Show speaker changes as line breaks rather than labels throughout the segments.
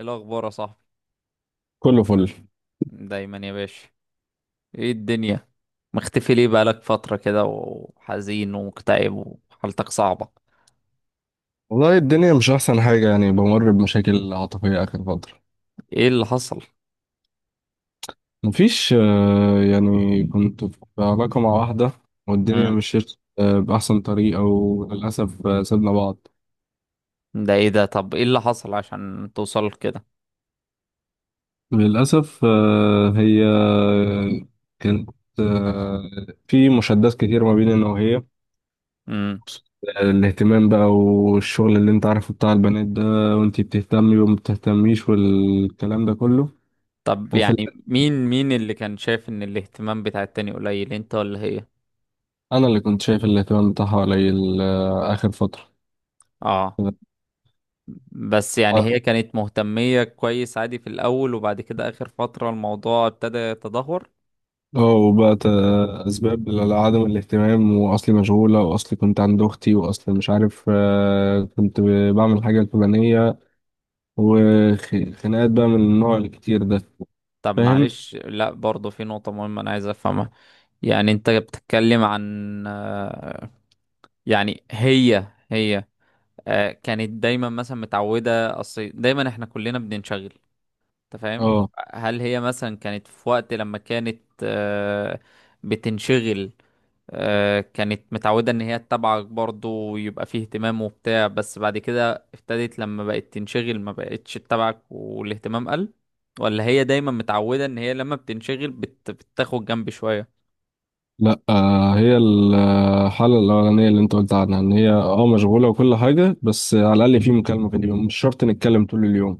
إيه الأخبار يا صاحبي؟
كله فل.
دايما يا باشا. ايه الدنيا؟ مختفي ليه بقالك فترة كده وحزين ومكتئب وحالتك صعبة؟
والله الدنيا مش أحسن حاجة، يعني بمر بمشاكل عاطفية آخر فترة.
ايه اللي حصل؟
مفيش. يعني كنت في علاقة مع واحدة والدنيا
مم.
مشيت بأحسن طريقة، وللأسف سيبنا بعض.
ده ايه ده؟ طب ايه اللي حصل عشان توصل كده؟
للأسف هي كانت آه، في مشادات كتير ما بيننا، وهي
مم.
الاهتمام بقى والشغل اللي انت عارفه بتاع البنات ده، وانتي بتهتمي وما بتهتميش والكلام ده كله.
طب
وفي
يعني مين اللي كان شايف ان الاهتمام بتاع التاني قليل، انت ولا هي؟
انا اللي كنت شايف الاهتمام بتاعها قليل اخر فتره.
اه. بس يعني هي كانت مهتمية كويس عادي في الأول، وبعد كده آخر فترة الموضوع ابتدى يتدهور.
اه، وبقت اسباب لعدم الاهتمام، واصلي مشغوله، واصلي كنت عند اختي، واصلي مش عارف كنت بعمل حاجه الفلانيه، وخناقات بقى من النوع الكتير ده.
طب
فاهم.
معلش، لا برضه في نقطة مهمة أنا عايز أفهمها. يعني أنت بتتكلم عن يعني هي كانت دايما مثلا متعودة، أصل دايما إحنا كلنا بننشغل. أنت فاهم؟
اه،
هل هي مثلا كانت في وقت لما كانت بتنشغل، كانت متعودة ان هي تتابعك برضه ويبقى فيه اهتمام وبتاع، بس بعد كده ابتدت لما بقت تنشغل ما بقتش تتابعك والاهتمام قل؟ ولا هي دايما متعودة ان هي لما بتنشغل بتاخد جنب شوية؟
لا هي الحاله الاولانيه اللي انت قلت عنها، ان هي اه مشغوله وكل حاجه، بس على الاقل في مكالمه في اليوم، مش شرط نتكلم طول اليوم،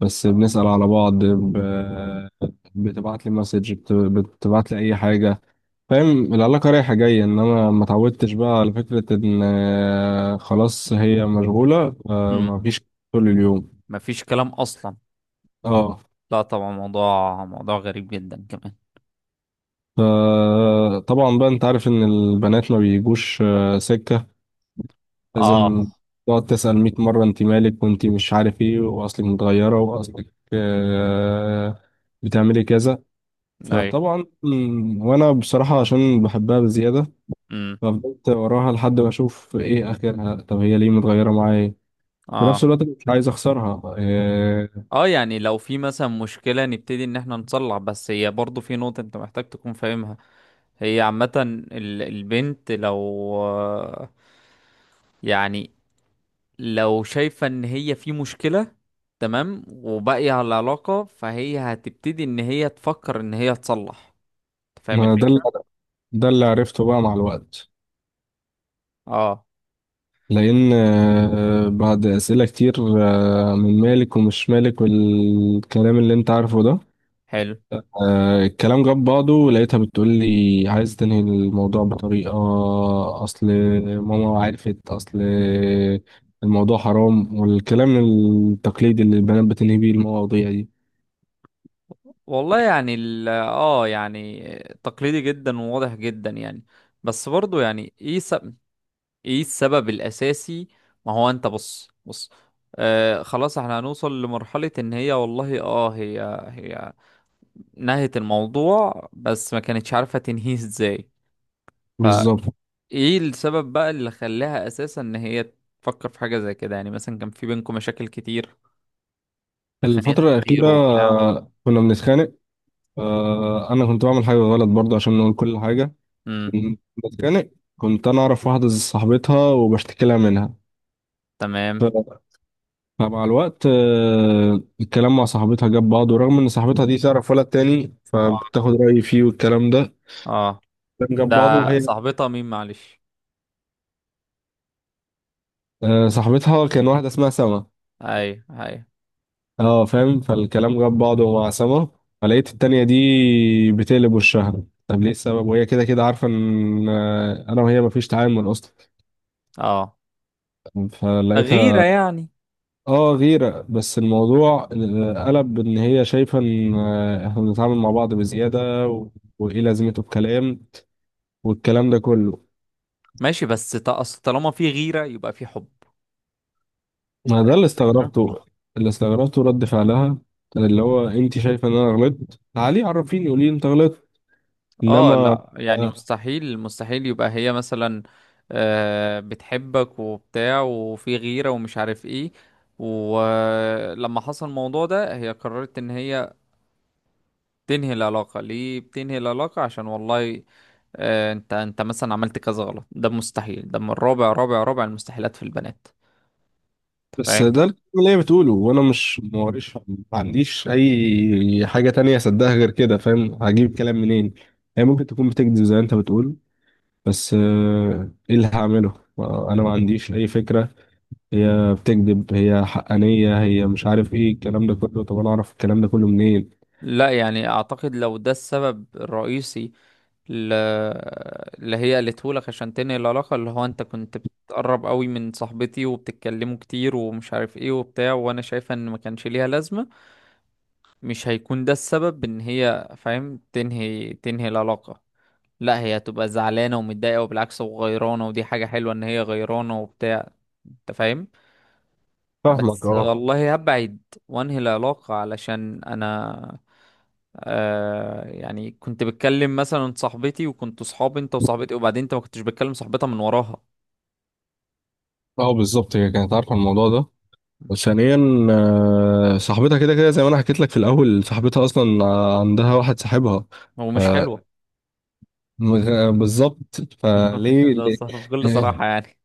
بس بنسأل على بعض، بتبعت لي مسج، بتبعت لي اي حاجه، فاهم؟ العلاقه رايحه جايه، انما ما اتعودتش بقى على فكره ان خلاص هي مشغوله
امم.
ما فيش طول اليوم.
مفيش كلام اصلا.
اه.
لا طبعا، موضوع موضوع غريب جدا كمان.
فطبعا بقى انت عارف ان البنات ما بيجوش سكه،
اه.
لازم تقعد تسأل 100 مره انت مالك، وانت مش عارف ايه، واصلك متغيره، واصلك بتعملي كذا.
ايوه.
فطبعا، وانا بصراحة عشان بحبها بزيادة،
امم.
ففضلت وراها لحد ما اشوف ايه اخرها، طب هي ليه متغيرة معايا؟ في نفس
اه.
الوقت مش عايز اخسرها إيه.
اه يعني لو في مثلا مشكلة نبتدي ان احنا نصلح، بس هي برضه في نقطة انت محتاج تكون فاهمها. هي عامة البنت لو يعني لو شايفة ان هي في مشكلة، تمام، وباقية على العلاقة، فهي هتبتدي ان هي تفكر ان هي تصلح. أنت فاهم
ما ده اللي
الفكرة؟
ده اللي عرفته بقى مع الوقت،
اه.
لان بعد اسئلة كتير من مالك ومش مالك والكلام اللي انت عارفه ده
حلو.
الكلام جاب بعضه، لقيتها بتقول لي عايز تنهي الموضوع بطريقة. أصل ماما عرفت، أصل الموضوع حرام، والكلام التقليدي اللي البنات بتنهي بيه المواضيع دي.
والله يعني ال يعني تقليدي جدا وواضح جدا يعني. بس برضو يعني ايه ايه السبب الاساسي؟ ما هو انت بص بص، آه خلاص احنا هنوصل لمرحلة ان هي والله هي نهت الموضوع بس ما كانتش عارفة تنهيه ازاي.
بالظبط.
فايه السبب بقى اللي خلاها اساسا ان هي تفكر في حاجة زي كده؟ يعني مثلا كان في بينكم مشاكل كتير؟ اتخانقت
الفترة
كتير
الأخيرة
وبتاع؟
كنا بنتخانق أنا كنت بعمل حاجة غلط برضه، عشان نقول كل حاجة.
امم.
كنت بتخانق، كنت أنا أعرف واحدة صاحبتها وبشتكي لها منها.
تمام.
فمع الوقت الكلام مع صاحبتها جاب بعضه، رغم ان صاحبتها دي تعرف ولد تاني
اه.
فبتاخد رأيي فيه والكلام ده.
اه.
الكلام جاب
ده
بعضه، وهي
صاحبتها مين معلش؟
صاحبتها كان واحدة اسمها سما.
اي. اي.
اه فاهم، فالكلام جاب بعضه مع سما، فلقيت التانية دي بتقلب وشها، طب ليه السبب؟ وهي كده كده عارفة ان انا وهي مفيش تعامل اصلا.
اه، غيرة
فلقيتها
يعني.
اه، غيرة. بس الموضوع قلب ان هي شايفة ان احنا بنتعامل مع بعض بزيادة، وايه لازمته الكلام والكلام ده كله.
ماشي، بس أصل طالما في غيرة يبقى في حب. انت
ما
فاهم
ده اللي
الفكرة؟
استغربته، اللي استغربته رد فعلها، كان اللي هو انت شايفه ان انا غلطت، تعالي عرفيني، قولي لي انت غلطت،
اه
انما
لا يعني
آه،
مستحيل مستحيل يبقى هي مثلا بتحبك وبتاع وفي غيرة ومش عارف ايه، ولما حصل الموضوع ده هي قررت ان هي تنهي العلاقة. ليه بتنهي العلاقة؟ عشان والله انت مثلا عملت كذا غلط؟ ده مستحيل، ده من رابع رابع رابع المستحيلات في البنات. أنت
بس
فاهم؟
ده الكلام اللي هي بتقوله، وانا مش موريش، ما عنديش اي حاجه تانية اصدقها غير كده، فاهم؟ هجيب كلام منين؟ هي ممكن تكون بتكذب زي ما انت بتقول، بس ايه اللي هعمله؟ انا ما عنديش اي فكره. هي بتكذب، هي حقانيه، هي مش عارف ايه الكلام ده كله، طب انا اعرف الكلام ده كله منين؟
لا يعني اعتقد لو ده السبب الرئيسي ل- اللي هي قالته لك عشان تنهي العلاقة، اللي هو انت كنت بتقرب قوي من صاحبتي وبتتكلموا كتير ومش عارف ايه وبتاع، وانا شايفة ان ما كانش ليها لازمة، مش هيكون ده السبب ان هي فاهم تنهي العلاقة. لا، هي هتبقى زعلانة ومتضايقة، وبالعكس وغيرانة، ودي حاجة حلوة ان هي غيرانة وبتاع. انت فاهم؟
فاهمك
بس
اه.
والله هبعد وانهي العلاقة علشان انا يعني كنت بتكلم مثلا صاحبتي، وكنت صحابي انت وصاحبتي، وبعدين انت ما كنتش بتكلم صاحبتها من وراها.
اه بالظبط، هي كانت عارفه الموضوع ده. وثانيا صاحبتها كده كده زي ما انا حكيت لك في الاول، صاحبتها اصلا عندها واحد صاحبها،
هو
ف-
مش حلوة؟
بالظبط،
مفيش،
فليه
ده
ليه؟
صح بكل صراحة يعني.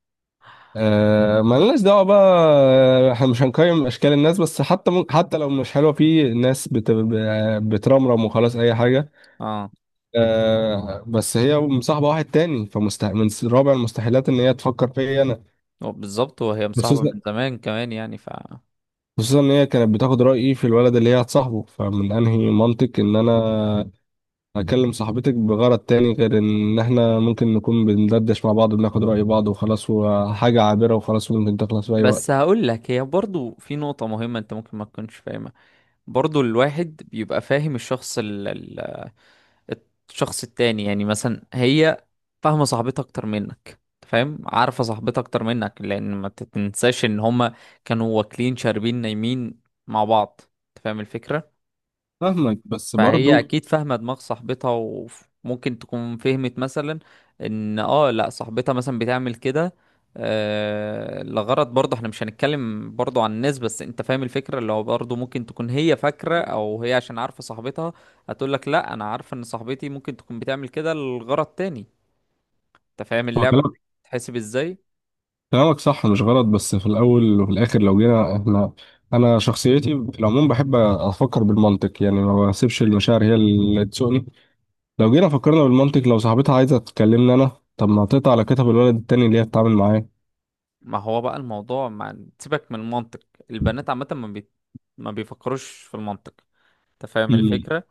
ما لناش دعوه بقى احنا مش هنقيم اشكال الناس، بس حتى حتى لو مش حلوه في ناس بترمرم وخلاص اي حاجه
اه.
بس هي مصاحبه واحد تاني، من رابع المستحيلات ان هي تفكر فيا انا.
هو بالظبط، وهي مصاحبة
خصوصا،
من زمان كمان يعني ف.
خصوصا ان هي كانت بتاخد رايي في الولد اللي هي هتصاحبه، فمن انهي منطق ان انا هكلم صاحبتك بغرض تاني غير ان احنا ممكن نكون بندردش مع بعض، بناخد رأي بعض وخلاص، وحاجة عابرة وخلاص، وممكن تخلص في اي
بس
وقت.
هقول لك هي برضو في نقطة مهمة انت ممكن ما تكونش فاهمها. برضو الواحد بيبقى فاهم الشخص التاني، يعني مثلا هي فاهمة صاحبتها أكتر منك، أنت فاهم، عارفة صاحبتها أكتر منك، لأن ما تنساش إن هما كانوا واكلين شاربين نايمين مع بعض. أنت فاهم الفكرة؟
فاهمك، بس
فهي
برضو.
اكيد فاهمه دماغ صاحبتها، وممكن تكون فهمت مثلا ان لا صاحبتها مثلا بتعمل كده لغرض، برضه احنا مش هنتكلم برضه عن الناس، بس انت فاهم الفكره، اللي هو برضه ممكن تكون هي فاكره او هي عشان عارفه صاحبتها هتقول لك لا انا عارفه ان صاحبتي ممكن تكون بتعمل كده لغرض تاني. انت فاهم
هو
اللعبه
كلامك
بتتحسب ازاي؟
كلامك صح مش غلط، بس في الاول وفي الاخر لو جينا احنا، انا شخصيتي في العموم بحب افكر بالمنطق، يعني ما بسيبش المشاعر هي اللي تسوقني. لو جينا فكرنا بالمنطق، لو صاحبتها عايزة تكلمني انا، طب ما تقطع على كتف الولد التاني اللي هي بتتعامل معاه.
ما هو بقى الموضوع ما سيبك من المنطق، البنات عامه ما بيفكروش في المنطق. انت فاهم
مم.
الفكره؟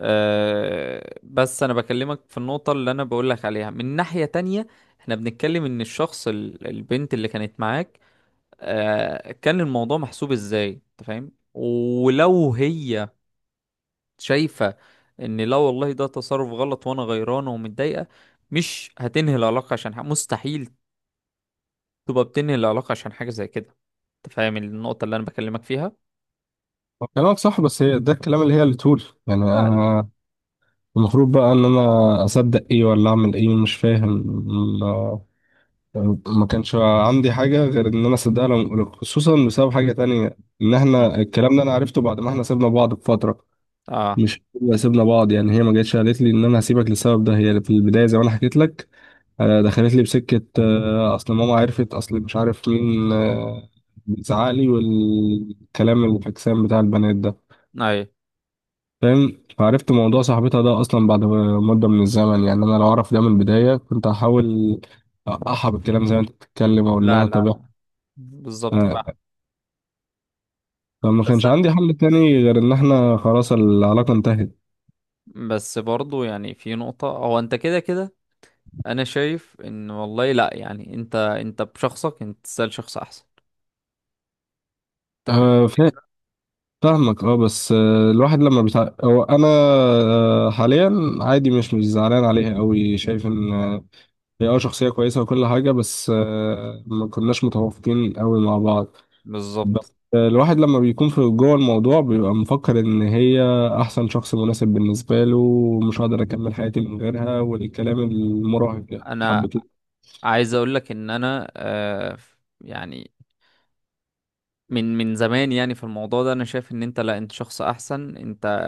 أه، بس انا بكلمك في النقطة اللي انا بقولك عليها من ناحية تانية. احنا بنتكلم ان الشخص البنت اللي كانت معاك، أه كان الموضوع محسوب ازاي، انت فاهم؟ ولو هي شايفة ان لا والله ده تصرف غلط وانا غيرانة ومتضايقة، مش هتنهي العلاقة عشان حاجة مستحيل، تبقى بتنهي العلاقة عشان حاجة زي كده. انت فاهم النقطة اللي انا بكلمك فيها؟
هو كلامك صح، بس هي ده الكلام اللي هي اللي تقول، يعني
لا لا.
انا المفروض بقى ان انا اصدق ايه ولا اعمل ايه، مش فاهم. ما ما كانش عندي حاجه غير ان انا اصدقها لهم، خصوصا بسبب حاجه تانية، ان
مم.
احنا الكلام ده انا عرفته بعد ما احنا سيبنا بعض بفتره.
اه.
مش هو سيبنا بعض، يعني هي ما جاتش قالت لي ان انا هسيبك للسبب ده، هي في البدايه زي ما انا حكيت لك دخلت لي بسكه اصل ماما عرفت، اصل مش عارف مين بيزعق لي، والكلام الفكسان بتاع البنات ده،
اي.
فاهم؟ فعرفت موضوع صاحبتها ده اصلا بعد مده من الزمن، يعني انا لو اعرف ده من البدايه كنت هحاول اقحى بالكلام زي ما انت بتتكلم، اقول
لا
لها
لا
طب
لا. بالظبط فاهم.
إحنا- فما
بس
كانش عندي حل تاني غير ان احنا خلاص العلاقه انتهت
بس برضو يعني في نقطة، هو انت كده كده انا شايف ان والله لا يعني انت بشخصك انت تسأل شخص احسن، انت فاهم؟
آه، فا- فاهمك اه. بس الواحد لما بتاع، هو انا حاليا عادي، مش زعلان عليها قوي، شايف ان هي اه شخصيه كويسه وكل حاجه، بس ما كناش متوافقين قوي مع بعض.
بالظبط.
بس الواحد لما بيكون في جوه الموضوع بيبقى مفكر ان هي احسن شخص مناسب بالنسبه له، ومش هقدر اكمل حياتي من غيرها، والكلام المراهق ده
انا
حبته.
عايز اقول لك ان انا يعني من زمان يعني في الموضوع ده انا شايف ان انت لا انت شخص احسن انت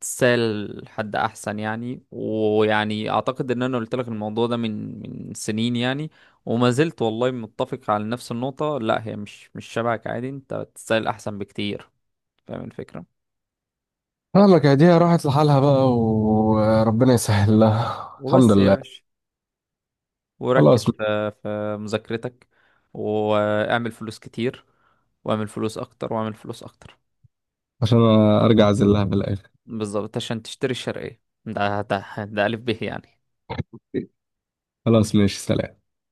تسأل حد احسن، يعني ويعني اعتقد ان انا قلت لك الموضوع ده من سنين يعني. وما زلت والله متفق على نفس النقطة، لا هي مش شبهك عادي انت تسأل احسن بكتير. فاهم الفكرة؟
فاهمك، يا دي راحت لحالها بقى، وربنا يسهل لها، الحمد
وبس يا
لله.
باشا، وركز
خلاص،
في مذاكرتك، واعمل فلوس كتير، واعمل فلوس اكتر واعمل فلوس اكتر.
عشان ارجع اعزلها في الاخر.
بالظبط، عشان تشتري الشرقية ده ألف به يعني.
خلاص ماشي، سلام.